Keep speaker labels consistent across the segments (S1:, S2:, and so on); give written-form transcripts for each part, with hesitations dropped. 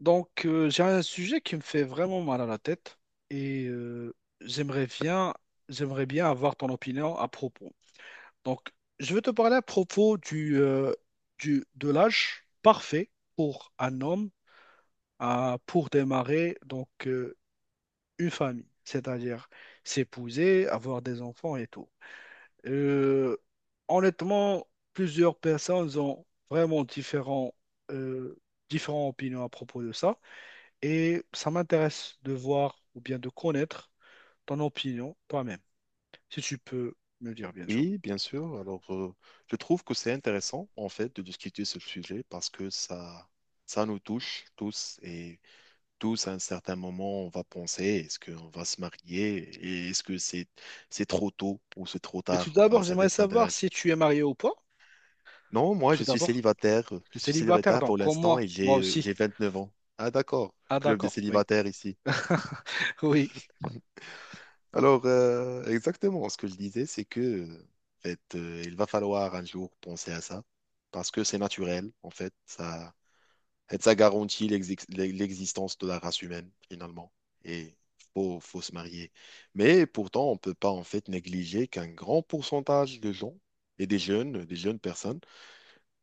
S1: J'ai un sujet qui me fait vraiment mal à la tête et euh, j'aimerais bien, j'aimerais bien avoir ton opinion à propos. Donc, je vais te parler à propos de l'âge parfait pour un homme pour démarrer une famille, c'est-à-dire s'épouser, avoir des enfants et tout. Euh, Honnêtement, plusieurs personnes ont vraiment euh, différentes opinions à propos de ça. Et ça m'intéresse de voir ou bien de connaître ton opinion toi-même, si tu peux me dire, bien sûr.
S2: Oui, bien sûr. Alors, je trouve que c'est intéressant, en fait, de discuter ce sujet parce que ça nous touche tous et tous, à un certain moment, on va penser, est-ce qu'on va se marier et est-ce que c'est trop tôt ou c'est trop
S1: Mais tout
S2: tard? Enfin,
S1: d'abord,
S2: ça
S1: j'aimerais
S2: dépend de
S1: savoir
S2: l'âge.
S1: si tu es marié ou pas.
S2: Non, moi,
S1: Tout
S2: je suis
S1: d'abord,
S2: célibataire.
S1: tu es
S2: Je suis
S1: célibataire,
S2: célibataire
S1: donc
S2: pour
S1: comme
S2: l'instant
S1: moi,
S2: et
S1: moi
S2: j'ai, euh,
S1: aussi.
S2: j'ai 29 ans. Ah, d'accord.
S1: Ah,
S2: Club des
S1: d'accord, oui.
S2: célibataires ici.
S1: Oui.
S2: Alors, exactement, ce que je disais, c'est que, en fait, il va falloir un jour penser à ça, parce que c'est naturel, en fait, ça garantit l'existence de la race humaine, finalement, et faut se marier. Mais pourtant, on ne peut pas, en fait, négliger qu'un grand pourcentage de gens, et des jeunes personnes,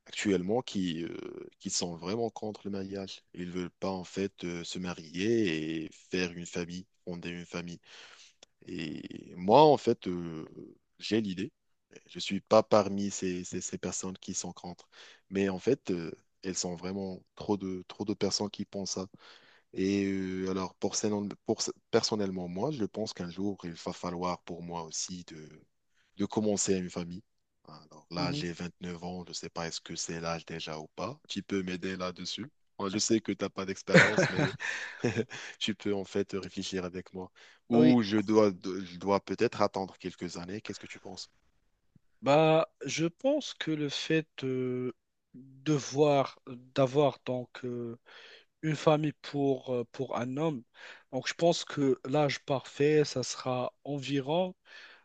S2: actuellement, qui sont vraiment contre le mariage. Ils ne veulent pas, en fait, se marier et faire une famille, fonder une famille. Et moi, en fait, j'ai l'idée. Je suis pas parmi ces personnes qui sont contre. Mais en fait, elles sont vraiment trop de personnes qui pensent ça. Et alors, pour, ces- non- pour- ce- personnellement, moi, je pense qu'un jour, il va falloir pour moi aussi de commencer une famille. Alors là,
S1: Mhm.
S2: j'ai 29 ans, je ne sais pas est-ce que c'est l'âge déjà ou pas. Tu peux m'aider là-dessus. Moi, je sais que tu n'as pas d'expérience, mais tu peux en fait réfléchir avec moi.
S1: Oui.
S2: Ou je dois peut-être attendre quelques années. Qu'est-ce que tu penses?
S1: Bah, je pense que le fait de voir, d'avoir une famille pour un homme, donc je pense que l'âge parfait, ça sera environ,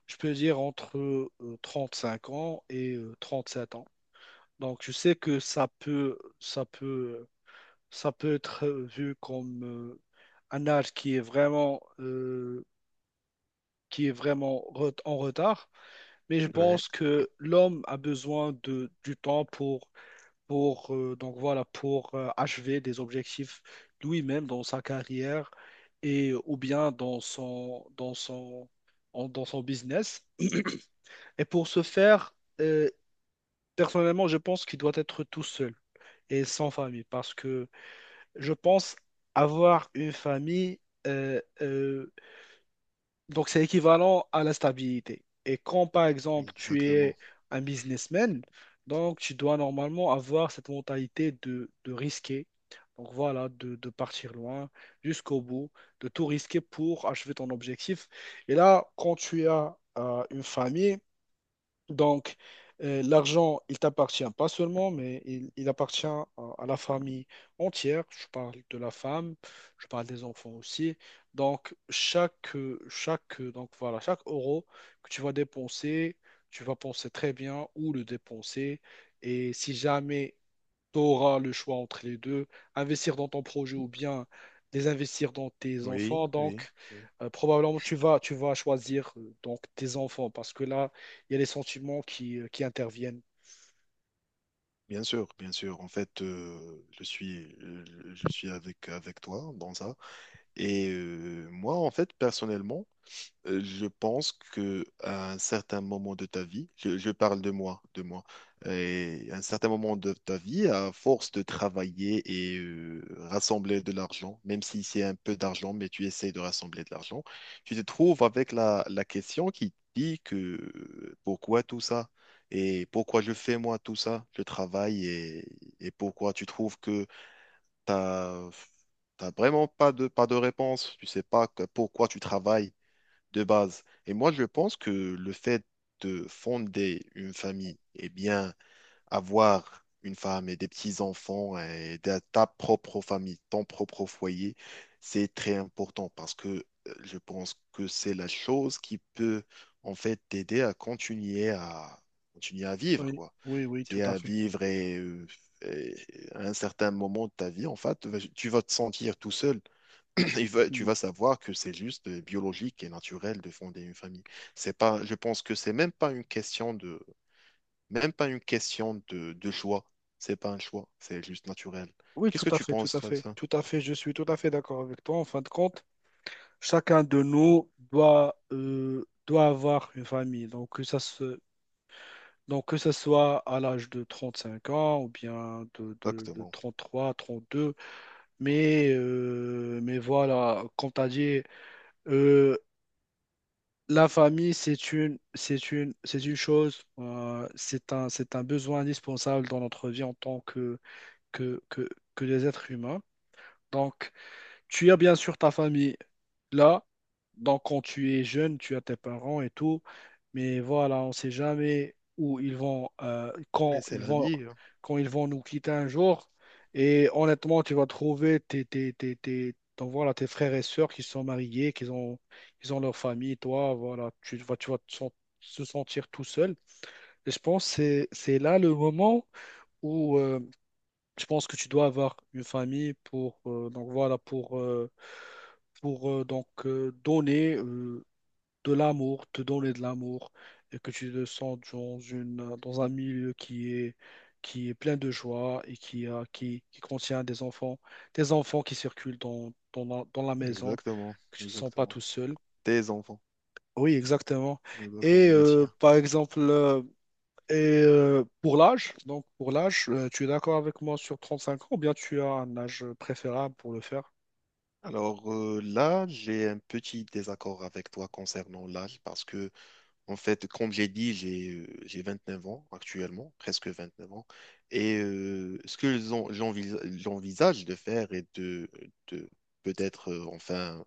S1: je peux dire, entre cinq ans et sept ans. Donc je sais que ça peut être vu comme un âge qui est vraiment qui est vraiment en retard, mais je
S2: Ouais.
S1: pense que l'homme a besoin du temps pour achever des objectifs lui-même dans sa carrière et, ou bien dans son business. Et pour ce faire, euh, personnellement, je pense qu'il doit être tout seul et sans famille parce que je pense avoir une famille, euh, euh, donc, c'est équivalent à la stabilité. Et quand, par exemple, tu es
S2: Exactement.
S1: un businessman, donc tu dois normalement avoir cette mentalité de risquer. Donc, voilà, de partir loin jusqu'au bout, de tout risquer pour achever ton objectif. Et là, quand tu as une famille, donc, l'argent, il t'appartient pas seulement, mais il appartient à la famille entière. Je parle de la femme, je parle des enfants aussi. Donc, chaque euro que tu vas dépenser, tu vas penser très bien où le dépenser. Et si jamais tu auras le choix entre les deux, investir dans ton projet ou bien les investir dans tes
S2: Oui,
S1: enfants.
S2: oui,
S1: Donc,
S2: oui.
S1: probablement, tu vas choisir donc tes enfants parce que là, il y a les sentiments qui qui interviennent.
S2: Bien sûr, bien sûr. En fait, je suis avec toi dans ça. Et moi, en fait, personnellement, je pense que à un certain moment de ta vie, je parle de moi, et à un certain moment de ta vie, à force de travailler et rassembler de l'argent, même si c'est un peu d'argent, mais tu essaies de rassembler de l'argent, tu te trouves avec la question qui te dit que pourquoi tout ça? Et pourquoi je fais moi tout ça? Je travaille, et pourquoi tu trouves que t'as, t'as vraiment pas de réponse? Tu sais pas pourquoi tu travailles de base. Et moi, je pense que le fait de fonder une famille, et bien, avoir une femme et des petits-enfants et de ta propre famille, ton propre foyer, c'est très important parce que je pense que c'est la chose qui peut en fait t'aider à continuer à vivre,
S1: Oui,
S2: quoi.
S1: oui, oui, tout
S2: C'est
S1: à
S2: à
S1: fait.
S2: vivre, et à un certain moment de ta vie, en fait, tu vas te sentir tout seul. Tu
S1: Mm.
S2: vas savoir que c'est juste biologique et naturel de fonder une famille. C'est pas, je pense que c'est même pas une question de, de choix. C'est pas un choix, c'est juste naturel.
S1: Oui,
S2: Qu'est-ce
S1: tout
S2: que
S1: à
S2: tu
S1: fait, tout
S2: penses,
S1: à
S2: toi, de
S1: fait,
S2: ça?
S1: tout à fait. Je suis tout à fait d'accord avec toi. En fin de compte, chacun de nous doit, doit avoir une famille. Donc, donc, que ça soit à l'âge de 35 ans ou bien de
S2: Exactement.
S1: 33, 32. Mais voilà, comme tu as dit, euh, la famille, c'est une, c'est une chose, c'est un besoin indispensable dans notre vie en tant que, que, que des êtres humains. Donc, tu as bien sûr ta famille là. Donc, quand tu es jeune, tu as tes parents et tout. Mais voilà, on ne sait jamais où ils vont,
S2: Mais c'est la vie, hein.
S1: quand ils vont nous quitter un jour. Et honnêtement, tu vas trouver voilà, tes frères et sœurs qui sont mariés, qui ont, ils ont leur famille. Toi, voilà, tu vas te sen- se sentir tout seul. Et je pense que c'est là le moment où. Je pense que tu dois avoir une famille pour donc voilà pour donc donner de l'amour, te donner de l'amour et que tu te sens dans une dans un milieu qui est plein de joie et qui contient des enfants qui circulent dans la maison,
S2: Exactement,
S1: que tu te sens pas
S2: exactement.
S1: tout seul.
S2: Tes enfants,
S1: Oui, exactement. Et
S2: exactement, les siens.
S1: par exemple et pour l'âge, donc pour l'âge, tu es d'accord avec moi sur 35 ans ou bien tu as un âge préférable pour le faire?
S2: Alors, là, j'ai un petit désaccord avec toi concernant l'âge parce que en fait, comme j'ai dit, j'ai 29 ans actuellement, presque 29 ans. Et ce que j'envisage de faire est de peut-être, enfin,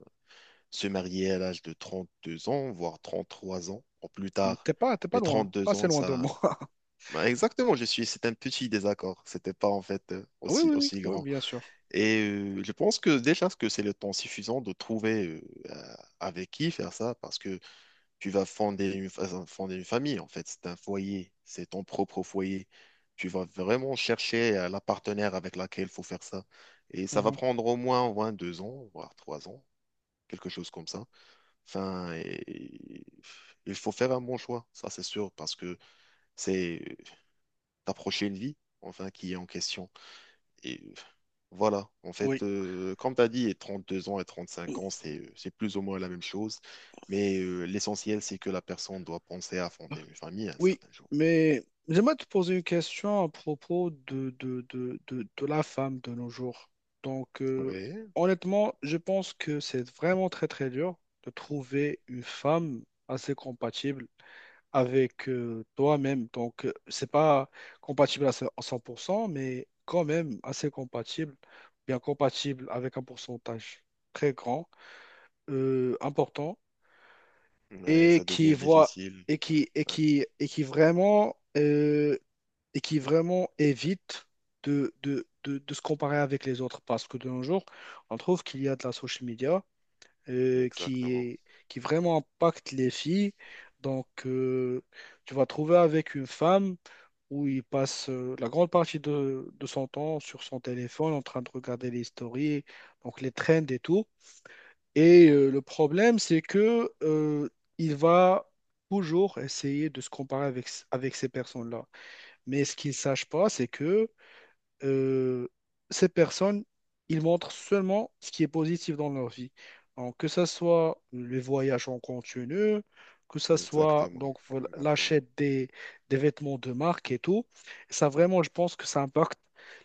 S2: se marier à l'âge de 32 ans, voire 33 ans, ou plus
S1: Donc
S2: tard.
S1: t'es pas
S2: Mais
S1: loin, pas
S2: 32
S1: assez
S2: ans,
S1: loin de
S2: ça.
S1: moi.
S2: Bah, exactement, c'est un petit désaccord. C'était pas en fait,
S1: Oui,
S2: aussi,
S1: oui, oui,
S2: aussi
S1: oui,
S2: grand.
S1: bien sûr.
S2: Et je pense que déjà, ce que c'est le temps suffisant de trouver euh, avec qui faire ça, parce que tu vas fonder une famille, en fait. C'est un foyer, c'est ton propre foyer. Tu vas vraiment chercher la partenaire avec laquelle il faut faire ça. Et ça va
S1: Mhm.
S2: prendre au moins 2 ans, voire 3 ans, quelque chose comme ça. Enfin, il faut faire un bon choix, ça c'est sûr, parce que c'est t'approcher une vie, enfin, qui est en question. Et voilà, en
S1: Oui.
S2: fait, comme tu as dit, et 32 ans et 35 ans, c'est plus ou moins la même chose. Mais l'essentiel, c'est que la personne doit penser à fonder une famille un
S1: Oui,
S2: certain jour.
S1: mais j'aimerais te poser une question à propos de la femme de nos jours. Donc, euh,
S2: Oui,
S1: Honnêtement, je pense que c'est vraiment très, très dur de trouver une femme assez compatible avec toi-même. Donc, c'est pas à 100%, mais quand même assez compatible, bien compatible avec un pourcentage très grand, important,
S2: ouais,
S1: et
S2: ça
S1: qui
S2: devient
S1: voit
S2: difficile.
S1: et
S2: Ouais,
S1: qui, et qui, et qui vraiment... euh, et qui vraiment évite de se comparer avec les autres. Parce que de nos jours, on trouve qu'il y a de la social media
S2: ouais,
S1: euh, qui
S2: exactement,
S1: est- qui vraiment impacte les filles. Donc, tu vas trouver avec une femme où il passe la grande partie de son temps sur son téléphone en train de regarder les stories, donc les trends et tout. Et le problème, c'est que il va toujours essayer de se comparer avec, avec ces personnes-là. Mais ce qu'il ne sache pas, c'est que euh, ces personnes, ils montrent seulement ce qui est positif dans leur vie. Donc, que ce soit les voyages en continu, que ce soit
S2: exactement,
S1: donc voilà,
S2: exactement,
S1: des vêtements de marque et tout, ça vraiment, je pense que ça impacte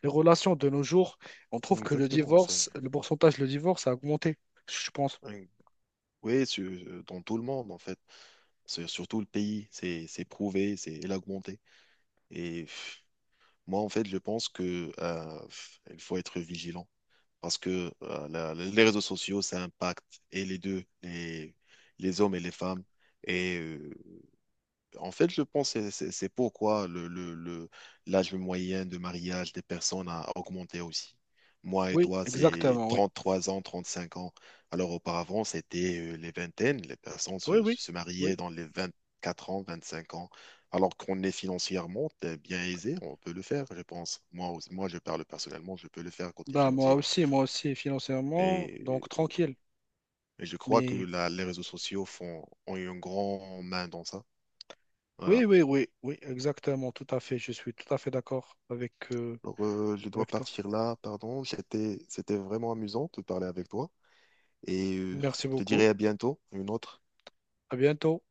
S1: les relations de nos jours. On trouve que le
S2: exactement. C'est
S1: divorce, le pourcentage de divorce a augmenté, je pense.
S2: ouais. Oui, dans tout le monde, en fait. Sur tout le pays, c'est prouvé, c'est augmenté. Et moi, en fait, je pense que il faut être vigilant. Parce que les réseaux sociaux, ça impacte et les deux, les hommes et les femmes. Et en fait, je pense que c'est pourquoi l'âge moyen de mariage des personnes a augmenté aussi. Moi et
S1: Oui,
S2: toi, c'est
S1: exactement, oui.
S2: 33 ans, 35 ans. Alors auparavant, c'était les vingtaines. Les personnes
S1: Oui,
S2: se,
S1: oui,
S2: se
S1: oui.
S2: mariaient dans les 24 ans, 25 ans. Alors qu'on est financièrement bien aisé, on peut le faire, je pense. Moi, je parle personnellement, je peux le faire côté
S1: Bah,
S2: financier.
S1: moi aussi, financièrement,
S2: Et
S1: donc tranquille.
S2: Et je crois que
S1: Mais
S2: les réseaux sociaux ont eu une grande main dans ça. Voilà.
S1: oui, oui, oui, oui, exactement, tout à fait. Je suis tout à fait d'accord avec
S2: Alors, je dois
S1: avec toi.
S2: partir là, pardon. C'était vraiment amusant de parler avec toi. Et
S1: Merci
S2: je te
S1: beaucoup.
S2: dirai à bientôt, une autre.
S1: À bientôt.